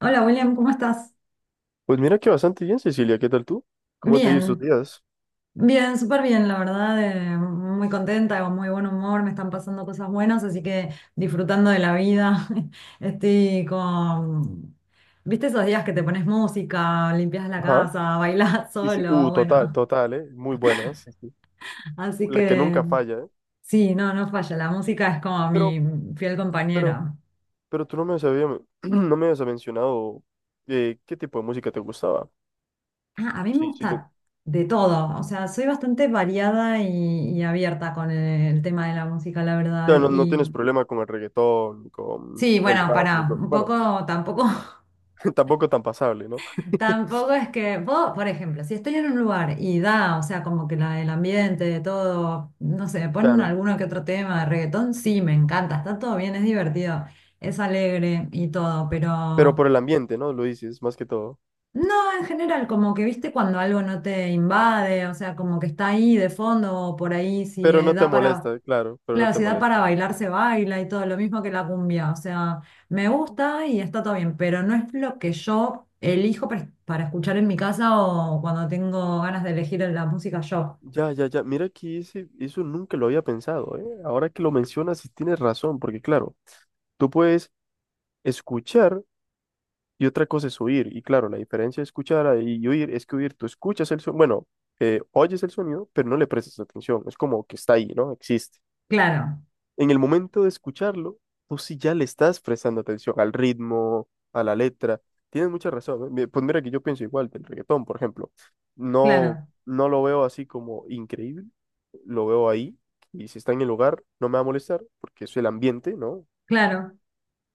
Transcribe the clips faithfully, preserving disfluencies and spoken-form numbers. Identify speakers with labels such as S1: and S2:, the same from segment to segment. S1: Hola William, ¿cómo estás?
S2: Pues mira que bastante bien, Cecilia. ¿Qué tal tú? ¿Cómo te ha ido estos
S1: Bien,
S2: días?
S1: bien, súper bien, la verdad, eh, muy contenta, con muy buen humor, me están pasando cosas buenas, así que disfrutando de la vida. Estoy con, ¿viste esos días que te pones música, limpias la
S2: Ajá.
S1: casa, bailás
S2: Sí, sí. Uh,
S1: solo?
S2: total,
S1: Bueno,
S2: total, ¿eh? Muy buena. Sí, sí.
S1: así
S2: La que
S1: que
S2: nunca falla, ¿eh?
S1: sí, no, no falla, la música es como
S2: Pero,
S1: mi fiel
S2: pero,
S1: compañera.
S2: pero tú no me habías, no me habías mencionado eh, qué tipo de música te gustaba.
S1: Ah, a mí me
S2: Sí, sí. No, o
S1: gusta de todo, o sea, soy bastante variada y, y abierta con el tema de la música, la verdad.
S2: sea, no, no
S1: Y
S2: tienes problema con el reggaetón, con
S1: sí,
S2: el
S1: bueno,
S2: rap,
S1: para,
S2: ni con-
S1: un
S2: bueno,
S1: poco, tampoco,
S2: tampoco tan pasable, ¿no?
S1: tampoco es que vos, por ejemplo, si estoy en un lugar y da, o sea, como que la, el ambiente, de todo, no sé, ponen
S2: Claro.
S1: alguno que otro tema de reggaetón, sí, me encanta, está todo bien, es divertido, es alegre y todo,
S2: Pero
S1: pero
S2: por el ambiente, ¿no? Lo dices, más que todo.
S1: no, en general, como que viste cuando algo no te invade, o sea, como que está ahí de fondo o por ahí, si
S2: Pero
S1: eh,
S2: no te
S1: da para,
S2: molesta, claro, pero no
S1: claro,
S2: te
S1: si da para
S2: molesta.
S1: bailar, se baila y todo, lo mismo que la cumbia, o sea, me gusta y está todo bien, pero no es lo que yo elijo para, para escuchar en mi casa o cuando tengo ganas de elegir la música yo.
S2: Ya, ya, ya. Mira que ese- eso nunca lo había pensado, ¿eh? Ahora que lo mencionas, sí tienes razón, porque claro, tú puedes escuchar y otra cosa es oír. Y claro, la diferencia de escuchar a- y oír es que oír, tú escuchas el sonido, bueno, eh, oyes el sonido, pero no le prestas atención. Es como que está ahí, ¿no? Existe
S1: Claro,
S2: en el momento de escucharlo, tú sí ya le estás prestando atención al ritmo, a la letra. Tienes mucha razón, ¿eh? Mi- pues mira que yo pienso igual del reggaetón, por ejemplo. No,
S1: claro,
S2: no lo veo así como increíble, lo veo ahí y si está en el lugar no me va a molestar porque es el ambiente, ¿no?
S1: claro.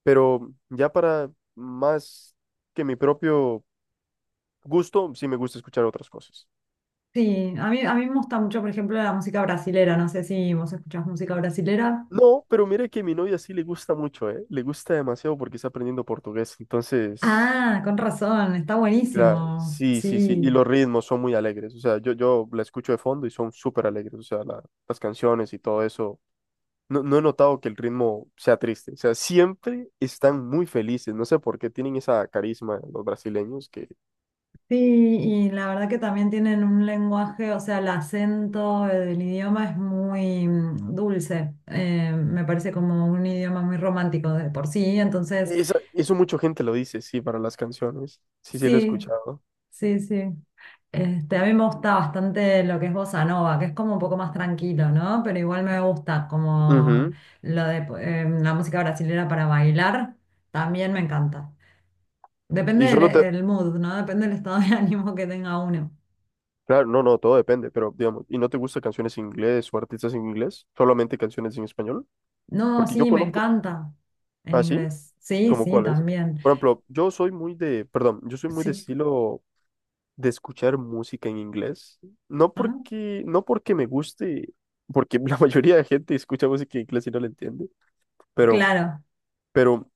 S2: Pero ya para más que mi propio gusto, sí me gusta escuchar otras cosas.
S1: Sí, a mí, a mí me gusta mucho, por ejemplo, la música brasilera, no sé si vos escuchás música brasilera.
S2: No, pero mira que a mi novia sí le gusta mucho, ¿eh? Le gusta demasiado porque está aprendiendo portugués. Entonces,
S1: Ah, con razón, está
S2: claro,
S1: buenísimo.
S2: sí, sí, sí,
S1: Sí,
S2: y los ritmos son muy alegres, o sea, yo, yo la escucho de fondo y son súper alegres, o sea, la- las canciones y todo eso, no, no he notado que el ritmo sea triste, o sea, siempre están muy felices, no sé por qué tienen esa carisma los brasileños, que
S1: sí, y la verdad que también tienen un lenguaje, o sea, el acento eh, del idioma es muy mm, dulce, eh, me parece como un idioma muy romántico de por sí, entonces,
S2: esa- eso mucha gente lo dice, sí, para las canciones, sí, sí, lo he
S1: sí,
S2: escuchado.
S1: sí, sí. Este, a mí me gusta bastante lo que es bossa nova, que es como un poco más tranquilo, ¿no? Pero igual me gusta como
S2: Ujú.
S1: lo de eh, la música brasilera para bailar, también me encanta. Depende
S2: Y
S1: del
S2: solo te,
S1: el mood, ¿no? Depende del estado de ánimo que tenga uno.
S2: claro, no, no, todo depende, pero digamos, ¿y no te gustan canciones en inglés o artistas en inglés? Solamente canciones en español,
S1: No,
S2: porque yo
S1: sí, me
S2: conozco,
S1: encanta en
S2: ¿ah, sí?
S1: inglés. Sí,
S2: ¿Cómo
S1: sí,
S2: cuáles?
S1: también.
S2: Por ejemplo, yo soy muy de, perdón, yo soy muy de
S1: Sí,
S2: estilo de escuchar música en inglés. No
S1: ajá,
S2: porque, no porque me guste, porque la mayoría de gente escucha música en inglés y no la entiende, pero,
S1: claro.
S2: pero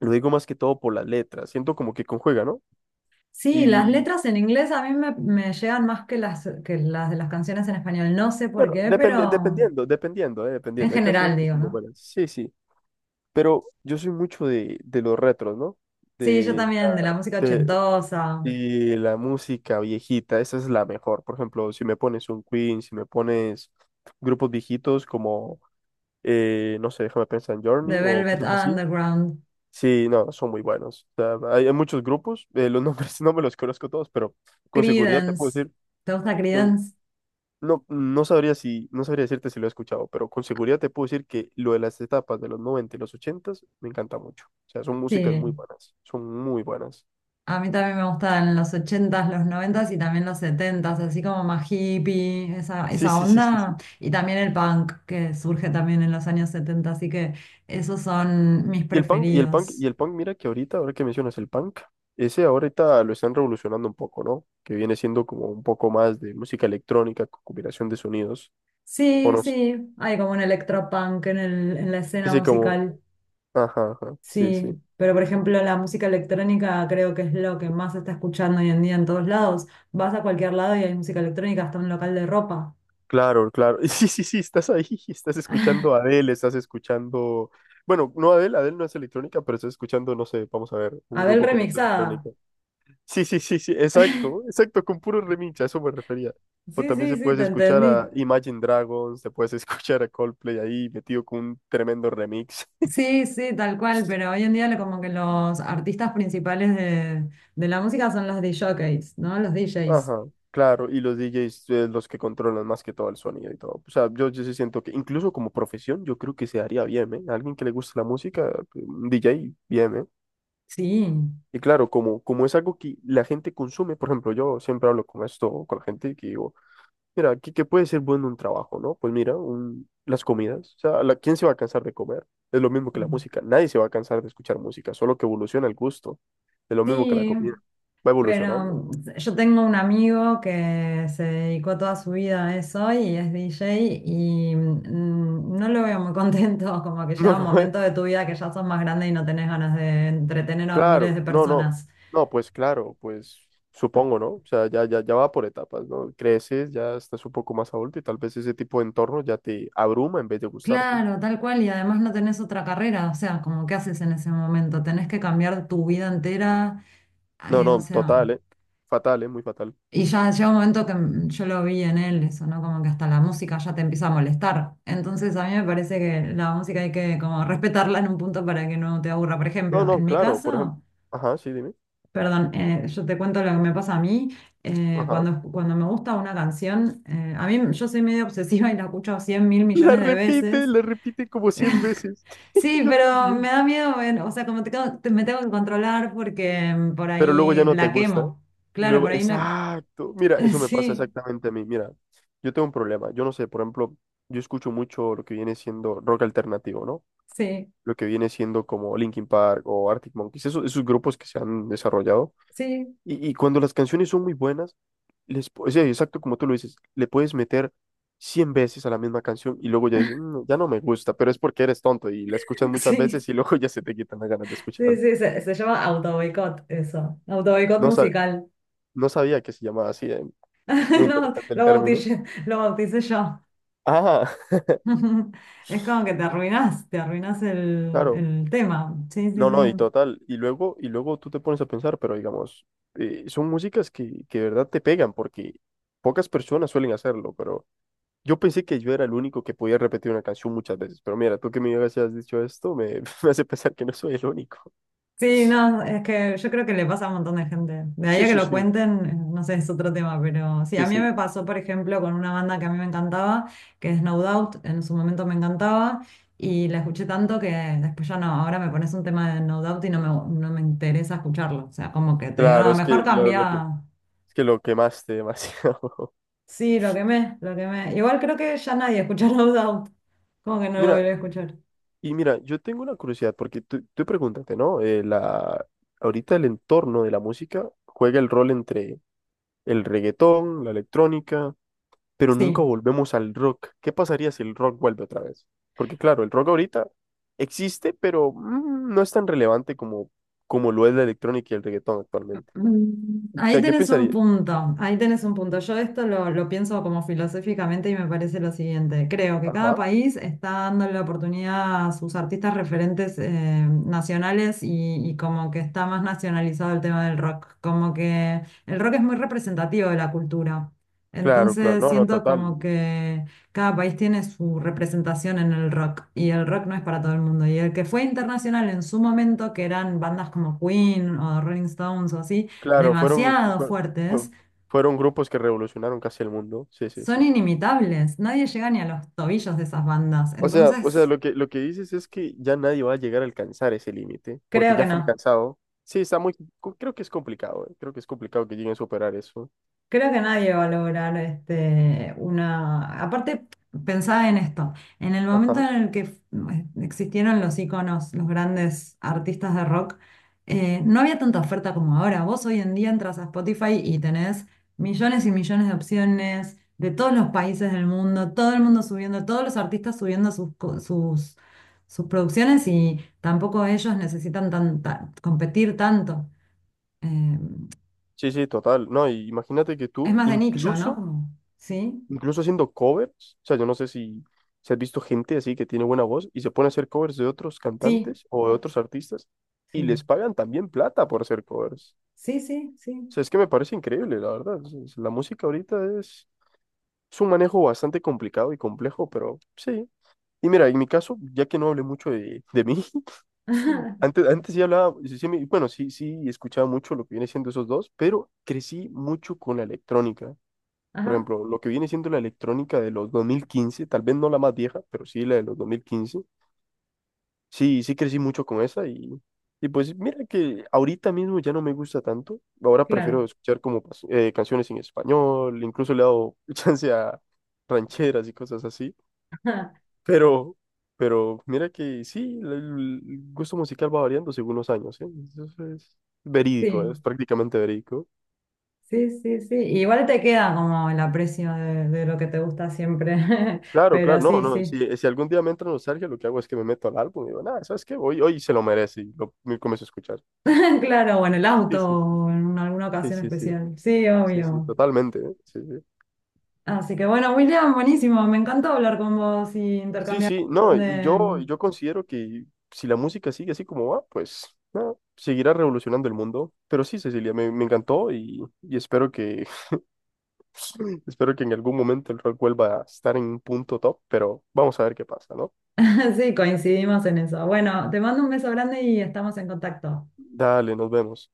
S2: lo digo más que todo por las letras. Siento como que conjuga, ¿no?
S1: Sí, las
S2: Y
S1: letras en inglés a mí me, me llegan más que las, que las de las canciones en español. No sé por
S2: bueno,
S1: qué,
S2: depende,
S1: pero
S2: dependiendo, dependiendo, eh,
S1: en
S2: dependiendo. Hay canciones
S1: general
S2: que
S1: digo,
S2: son muy
S1: ¿no?
S2: buenas. Sí, sí. Pero yo soy mucho de, de los retros, ¿no?
S1: Sí, yo
S2: De,
S1: también, de la
S2: la-
S1: música
S2: de-
S1: ochentosa,
S2: y la música viejita, esa es la mejor. Por ejemplo, si me pones un Queen, si me pones grupos viejitos como, eh, no sé, déjame pensar en
S1: de
S2: Journey o
S1: Velvet
S2: cosas así.
S1: Underground,
S2: Sí, no, son muy buenos. O sea, hay, hay muchos grupos, eh, los nombres no me los conozco todos, pero con seguridad te puedo
S1: Creedence.
S2: decir,
S1: ¿Te gusta
S2: con-
S1: Creedence?
S2: no, no sabría si, no sabría decirte si lo he escuchado, pero con seguridad te puedo decir que lo de las etapas de los noventa y los ochenta me encanta mucho. O sea, son músicas muy
S1: Sí.
S2: buenas, son muy buenas.
S1: A mí también me gustan los ochentas, los noventas y también los setentas, así como más hippie, esa,
S2: Sí,
S1: esa
S2: sí, sí, sí,
S1: onda.
S2: sí.
S1: Y también el punk que surge también en los años setenta, así que esos son mis
S2: Y el punk, y el punk, y
S1: preferidos.
S2: el punk, mira que ahorita, ahora que mencionas el punk, ese ahorita lo están revolucionando un poco, ¿no? Que viene siendo como un poco más de música electrónica con combinación de sonidos, o
S1: Sí,
S2: no sé,
S1: sí, hay como un electropunk en el, en la escena
S2: así como,
S1: musical,
S2: ajá, ajá, sí,
S1: sí.
S2: sí,
S1: Pero por ejemplo, la música electrónica creo que es lo que más se está escuchando hoy en día en todos lados. Vas a cualquier lado y hay música electrónica, hasta un local de ropa.
S2: claro, claro, sí, sí, sí, estás ahí, estás escuchando a Adele, estás escuchando, bueno, no Adele, Adele no es electrónica, pero estás escuchando, no sé, vamos a ver, un
S1: Abel
S2: grupo conocido de
S1: remixada.
S2: electrónica. Sí, sí, sí, sí, exacto, exacto, con puro remincha, a eso me refería. O
S1: Sí,
S2: también
S1: sí,
S2: se
S1: sí,
S2: puedes
S1: te
S2: escuchar
S1: entendí.
S2: a Imagine Dragons, te puedes escuchar a Coldplay ahí metido con un tremendo remix.
S1: Sí, sí, tal cual, pero hoy en día lo- como que los artistas principales de, de la música son los D Js, ¿no? Los D Js.
S2: Ajá, claro, y los D Js, eh, los que controlan más que todo el sonido y todo. O sea, yo, yo sí siento que incluso como profesión, yo creo que se haría bien, ¿eh? Alguien que le guste la música, pues, un D J, bien, ¿eh?
S1: Sí,
S2: Y claro, como, como es algo que la gente consume, por ejemplo, yo siempre hablo con esto, con la gente que digo, mira, ¿qué, ¿qué puede ser bueno un trabajo, ¿no? Pues mira, un- las comidas. O sea, la- ¿quién se va a cansar de comer? Es lo mismo
S1: sí.
S2: que la música. Nadie se va a cansar de escuchar música, solo que evoluciona el gusto. Es lo mismo que la
S1: Sí,
S2: comida. Va evolucionando.
S1: pero yo tengo un amigo que se dedicó toda su vida a eso y es D J y mm, no lo veo muy contento, como que
S2: No,
S1: llega un
S2: no, eh,
S1: momento de tu vida que ya sos más grande y no tenés ganas de entretener a miles
S2: Claro,
S1: de
S2: no, no.
S1: personas.
S2: No, pues claro, pues supongo, ¿no? O sea, ya, ya, ya va por etapas, ¿no? Creces, ya estás un poco más adulto y tal vez ese tipo de entorno ya te abruma en vez de gustarte.
S1: Claro, tal cual, y además no tenés otra carrera, o sea, como qué haces en ese momento, tenés que cambiar tu vida entera,
S2: No,
S1: eh, o
S2: no,
S1: sea,
S2: total, ¿eh? Fatal, ¿eh? Muy fatal.
S1: y ya llega un momento que mm, yo lo vi en él, eso, ¿no? Como que hasta la música ya te empieza a molestar, entonces a mí me parece que la música hay que como respetarla en un punto para que no te aburra, por
S2: No,
S1: ejemplo,
S2: no,
S1: en mi
S2: claro, por
S1: caso,
S2: ejemplo. Ajá, sí, dime.
S1: perdón, eh, yo te cuento lo que me pasa a mí, eh,
S2: Ajá.
S1: cuando, cuando me gusta una canción, eh, a mí, yo soy medio obsesiva y la escucho cien mil
S2: La
S1: millones de
S2: repite,
S1: veces.
S2: la repite como cien veces.
S1: Sí,
S2: Yo
S1: pero me
S2: también.
S1: da miedo, bueno, o sea, como te- te- me tengo que controlar porque mm, por
S2: Pero luego ya
S1: ahí
S2: no te
S1: la
S2: gusta.
S1: quemo.
S2: Y
S1: Claro,
S2: luego,
S1: por ahí no.
S2: exacto. Mira, eso me pasa
S1: Sí,
S2: exactamente a mí. Mira, yo tengo un problema. Yo no sé, por ejemplo, yo escucho mucho lo que viene siendo rock alternativo, ¿no?
S1: sí,
S2: Lo que viene siendo como Linkin Park o Arctic Monkeys, esos, esos grupos que se han desarrollado.
S1: sí,
S2: Y, y cuando las canciones son muy buenas, les, pu- sí, exacto como tú lo dices, le puedes meter cien veces a la misma canción y luego ya dices, "Mm, ya no me gusta", pero es porque eres tonto y la escuchas muchas
S1: sí.
S2: veces y luego ya se te quitan las ganas de
S1: Sí,
S2: escucharla.
S1: sí, se, se llama autoboicot eso. Autoboicot
S2: No, sa-
S1: musical.
S2: no sabía que se llamaba así, eh. Muy
S1: No,
S2: interesante el
S1: lo
S2: término.
S1: bauticé, lo bauticé yo.
S2: Ah,
S1: Es como que te arruinás, te arruinás el,
S2: claro,
S1: el tema. Sí, sí,
S2: no, no,
S1: sí.
S2: y total. Y luego, y luego tú te pones a pensar, pero digamos, eh, son músicas que, que de verdad te pegan porque pocas personas suelen hacerlo, pero... Yo pensé que yo era el único que podía repetir una canción muchas veces, pero mira, tú que me digas si has dicho esto, me, me hace pensar que no soy el único.
S1: Sí, no, es que yo creo que le pasa a un montón de gente. De ahí a
S2: Sí,
S1: que
S2: sí,
S1: lo
S2: sí,
S1: cuenten, eh, no sé, es otro tema, pero sí, a
S2: sí,
S1: mí me
S2: sí.
S1: pasó, por ejemplo, con una banda que a mí me encantaba, que es No Doubt, en su momento me encantaba, y la escuché tanto que después ya no, ahora me pones un tema de No Doubt y no me, no me interesa escucharlo. O sea, como que te digo,
S2: Claro,
S1: no,
S2: es que
S1: mejor
S2: lo, lo que,
S1: cambia.
S2: es que lo quemaste demasiado.
S1: Sí, lo quemé, lo quemé. Igual creo que ya nadie escucha No Doubt, como que no lo
S2: Mira,
S1: volví a escuchar.
S2: y mira, yo tengo una curiosidad, porque tú, tú pregúntate, ¿no? Eh, la, ahorita el entorno de la música juega el rol entre el reggaetón, la electrónica, pero nunca
S1: Sí.
S2: volvemos al rock. ¿Qué pasaría si el rock vuelve otra vez? Porque claro, el rock ahorita existe, pero mm, no es tan relevante como, como lo es la electrónica y el reggaetón actualmente.
S1: Mm,
S2: O
S1: ahí
S2: sea, ¿qué
S1: tenés un
S2: pensaría?
S1: punto, ahí tenés un punto. Yo esto lo, lo pienso como filosóficamente y me parece lo siguiente. Creo que cada
S2: Ajá,
S1: país está dando la oportunidad a sus artistas referentes eh, nacionales y, y como que está más nacionalizado el tema del rock. Como que el rock es muy representativo de la cultura.
S2: claro, claro,
S1: Entonces
S2: no, no,
S1: siento
S2: total.
S1: como que cada país tiene su representación en el rock y el rock no es para todo el mundo. Y el que fue internacional en su momento, que eran bandas como Queen o Rolling Stones o así,
S2: Claro, fueron,
S1: demasiado
S2: fue- fue-
S1: fuertes,
S2: fueron grupos que revolucionaron casi el mundo. Sí, sí,
S1: son
S2: sí.
S1: inimitables. Nadie llega ni a los tobillos de esas bandas.
S2: O sea, o sea,
S1: Entonces,
S2: lo que, lo que dices es que ya nadie va a llegar a alcanzar ese límite, porque
S1: creo que
S2: ya fue
S1: no.
S2: alcanzado. Sí, está muy, creo que es complicado, eh, creo que es complicado que lleguen a superar eso.
S1: Creo que nadie va a lograr este, una... Aparte, pensaba en esto, en el momento
S2: Ajá.
S1: en el que f- existieron los íconos, los grandes artistas de rock, eh, no había tanta oferta como ahora. Vos hoy en día entras a Spotify y tenés millones y millones de opciones de todos los países del mundo, todo el mundo subiendo, todos los artistas subiendo sus, co- sus, sus producciones y tampoco ellos necesitan tan- tan- competir tanto. Eh,
S2: Sí, sí, total. No, y imagínate que
S1: es
S2: tú,
S1: más de nicho, ¿no?
S2: incluso,
S1: Como, ¿sí?
S2: incluso haciendo covers, o sea, yo no sé si, si has visto gente así que tiene buena voz y se pone a hacer covers de otros
S1: Sí,
S2: cantantes o de otros artistas y
S1: sí,
S2: les pagan también plata por hacer covers.
S1: sí, sí,
S2: O
S1: sí.
S2: sea, es que me parece increíble, la verdad. Es- la música ahorita es, es un manejo bastante complicado y complejo, pero sí. Y mira, en mi caso, ya que no hablé mucho de, de mí,
S1: Ajá,
S2: antes, antes sí hablaba, sí, sí me- bueno, sí, sí, escuchaba mucho lo que viene siendo esos dos, pero crecí mucho con la electrónica. Por
S1: ajá,
S2: ejemplo, lo que viene siendo la electrónica de los dos mil quince, tal vez no la más vieja, pero sí la de los dos mil quince. Sí, sí crecí mucho con esa y, y pues mira que ahorita mismo ya no me gusta tanto. Ahora prefiero
S1: claro.
S2: escuchar como pas- eh, canciones en español, incluso le he dado chance a rancheras y cosas así.
S1: Ajá,
S2: Pero, pero mira que sí, el, el gusto musical va variando según los años, ¿eh? Eso es verídico,
S1: sí,
S2: es prácticamente verídico.
S1: sí, sí, sí. Igual te queda como el aprecio de, de lo que te gusta siempre,
S2: Claro, claro,
S1: pero
S2: no,
S1: sí,
S2: no,
S1: sí.
S2: si, si algún día me entra nostalgia, lo que hago es que me meto al álbum y digo, nada, ¿sabes qué? Hoy, hoy se lo merece y lo me comienzo a escuchar.
S1: Claro, bueno, el
S2: Sí,
S1: auto
S2: sí, sí,
S1: o en alguna
S2: sí,
S1: ocasión
S2: sí, sí,
S1: especial. Sí,
S2: sí, sí,
S1: obvio.
S2: totalmente, ¿eh? Sí, sí.
S1: Así que bueno, William, buenísimo. Me encantó hablar con vos y
S2: Sí,
S1: intercambiar un
S2: sí, no,
S1: montón
S2: y yo,
S1: de...
S2: yo considero que si la música sigue así como va, pues, no, seguirá revolucionando el mundo. Pero sí, Cecilia, me, me encantó y, y espero que, espero que en algún momento el rock vuelva a estar en un punto top, pero vamos a ver qué pasa, ¿no?
S1: Sí, coincidimos en eso. Bueno, te mando un beso grande y estamos en contacto.
S2: Dale, nos vemos.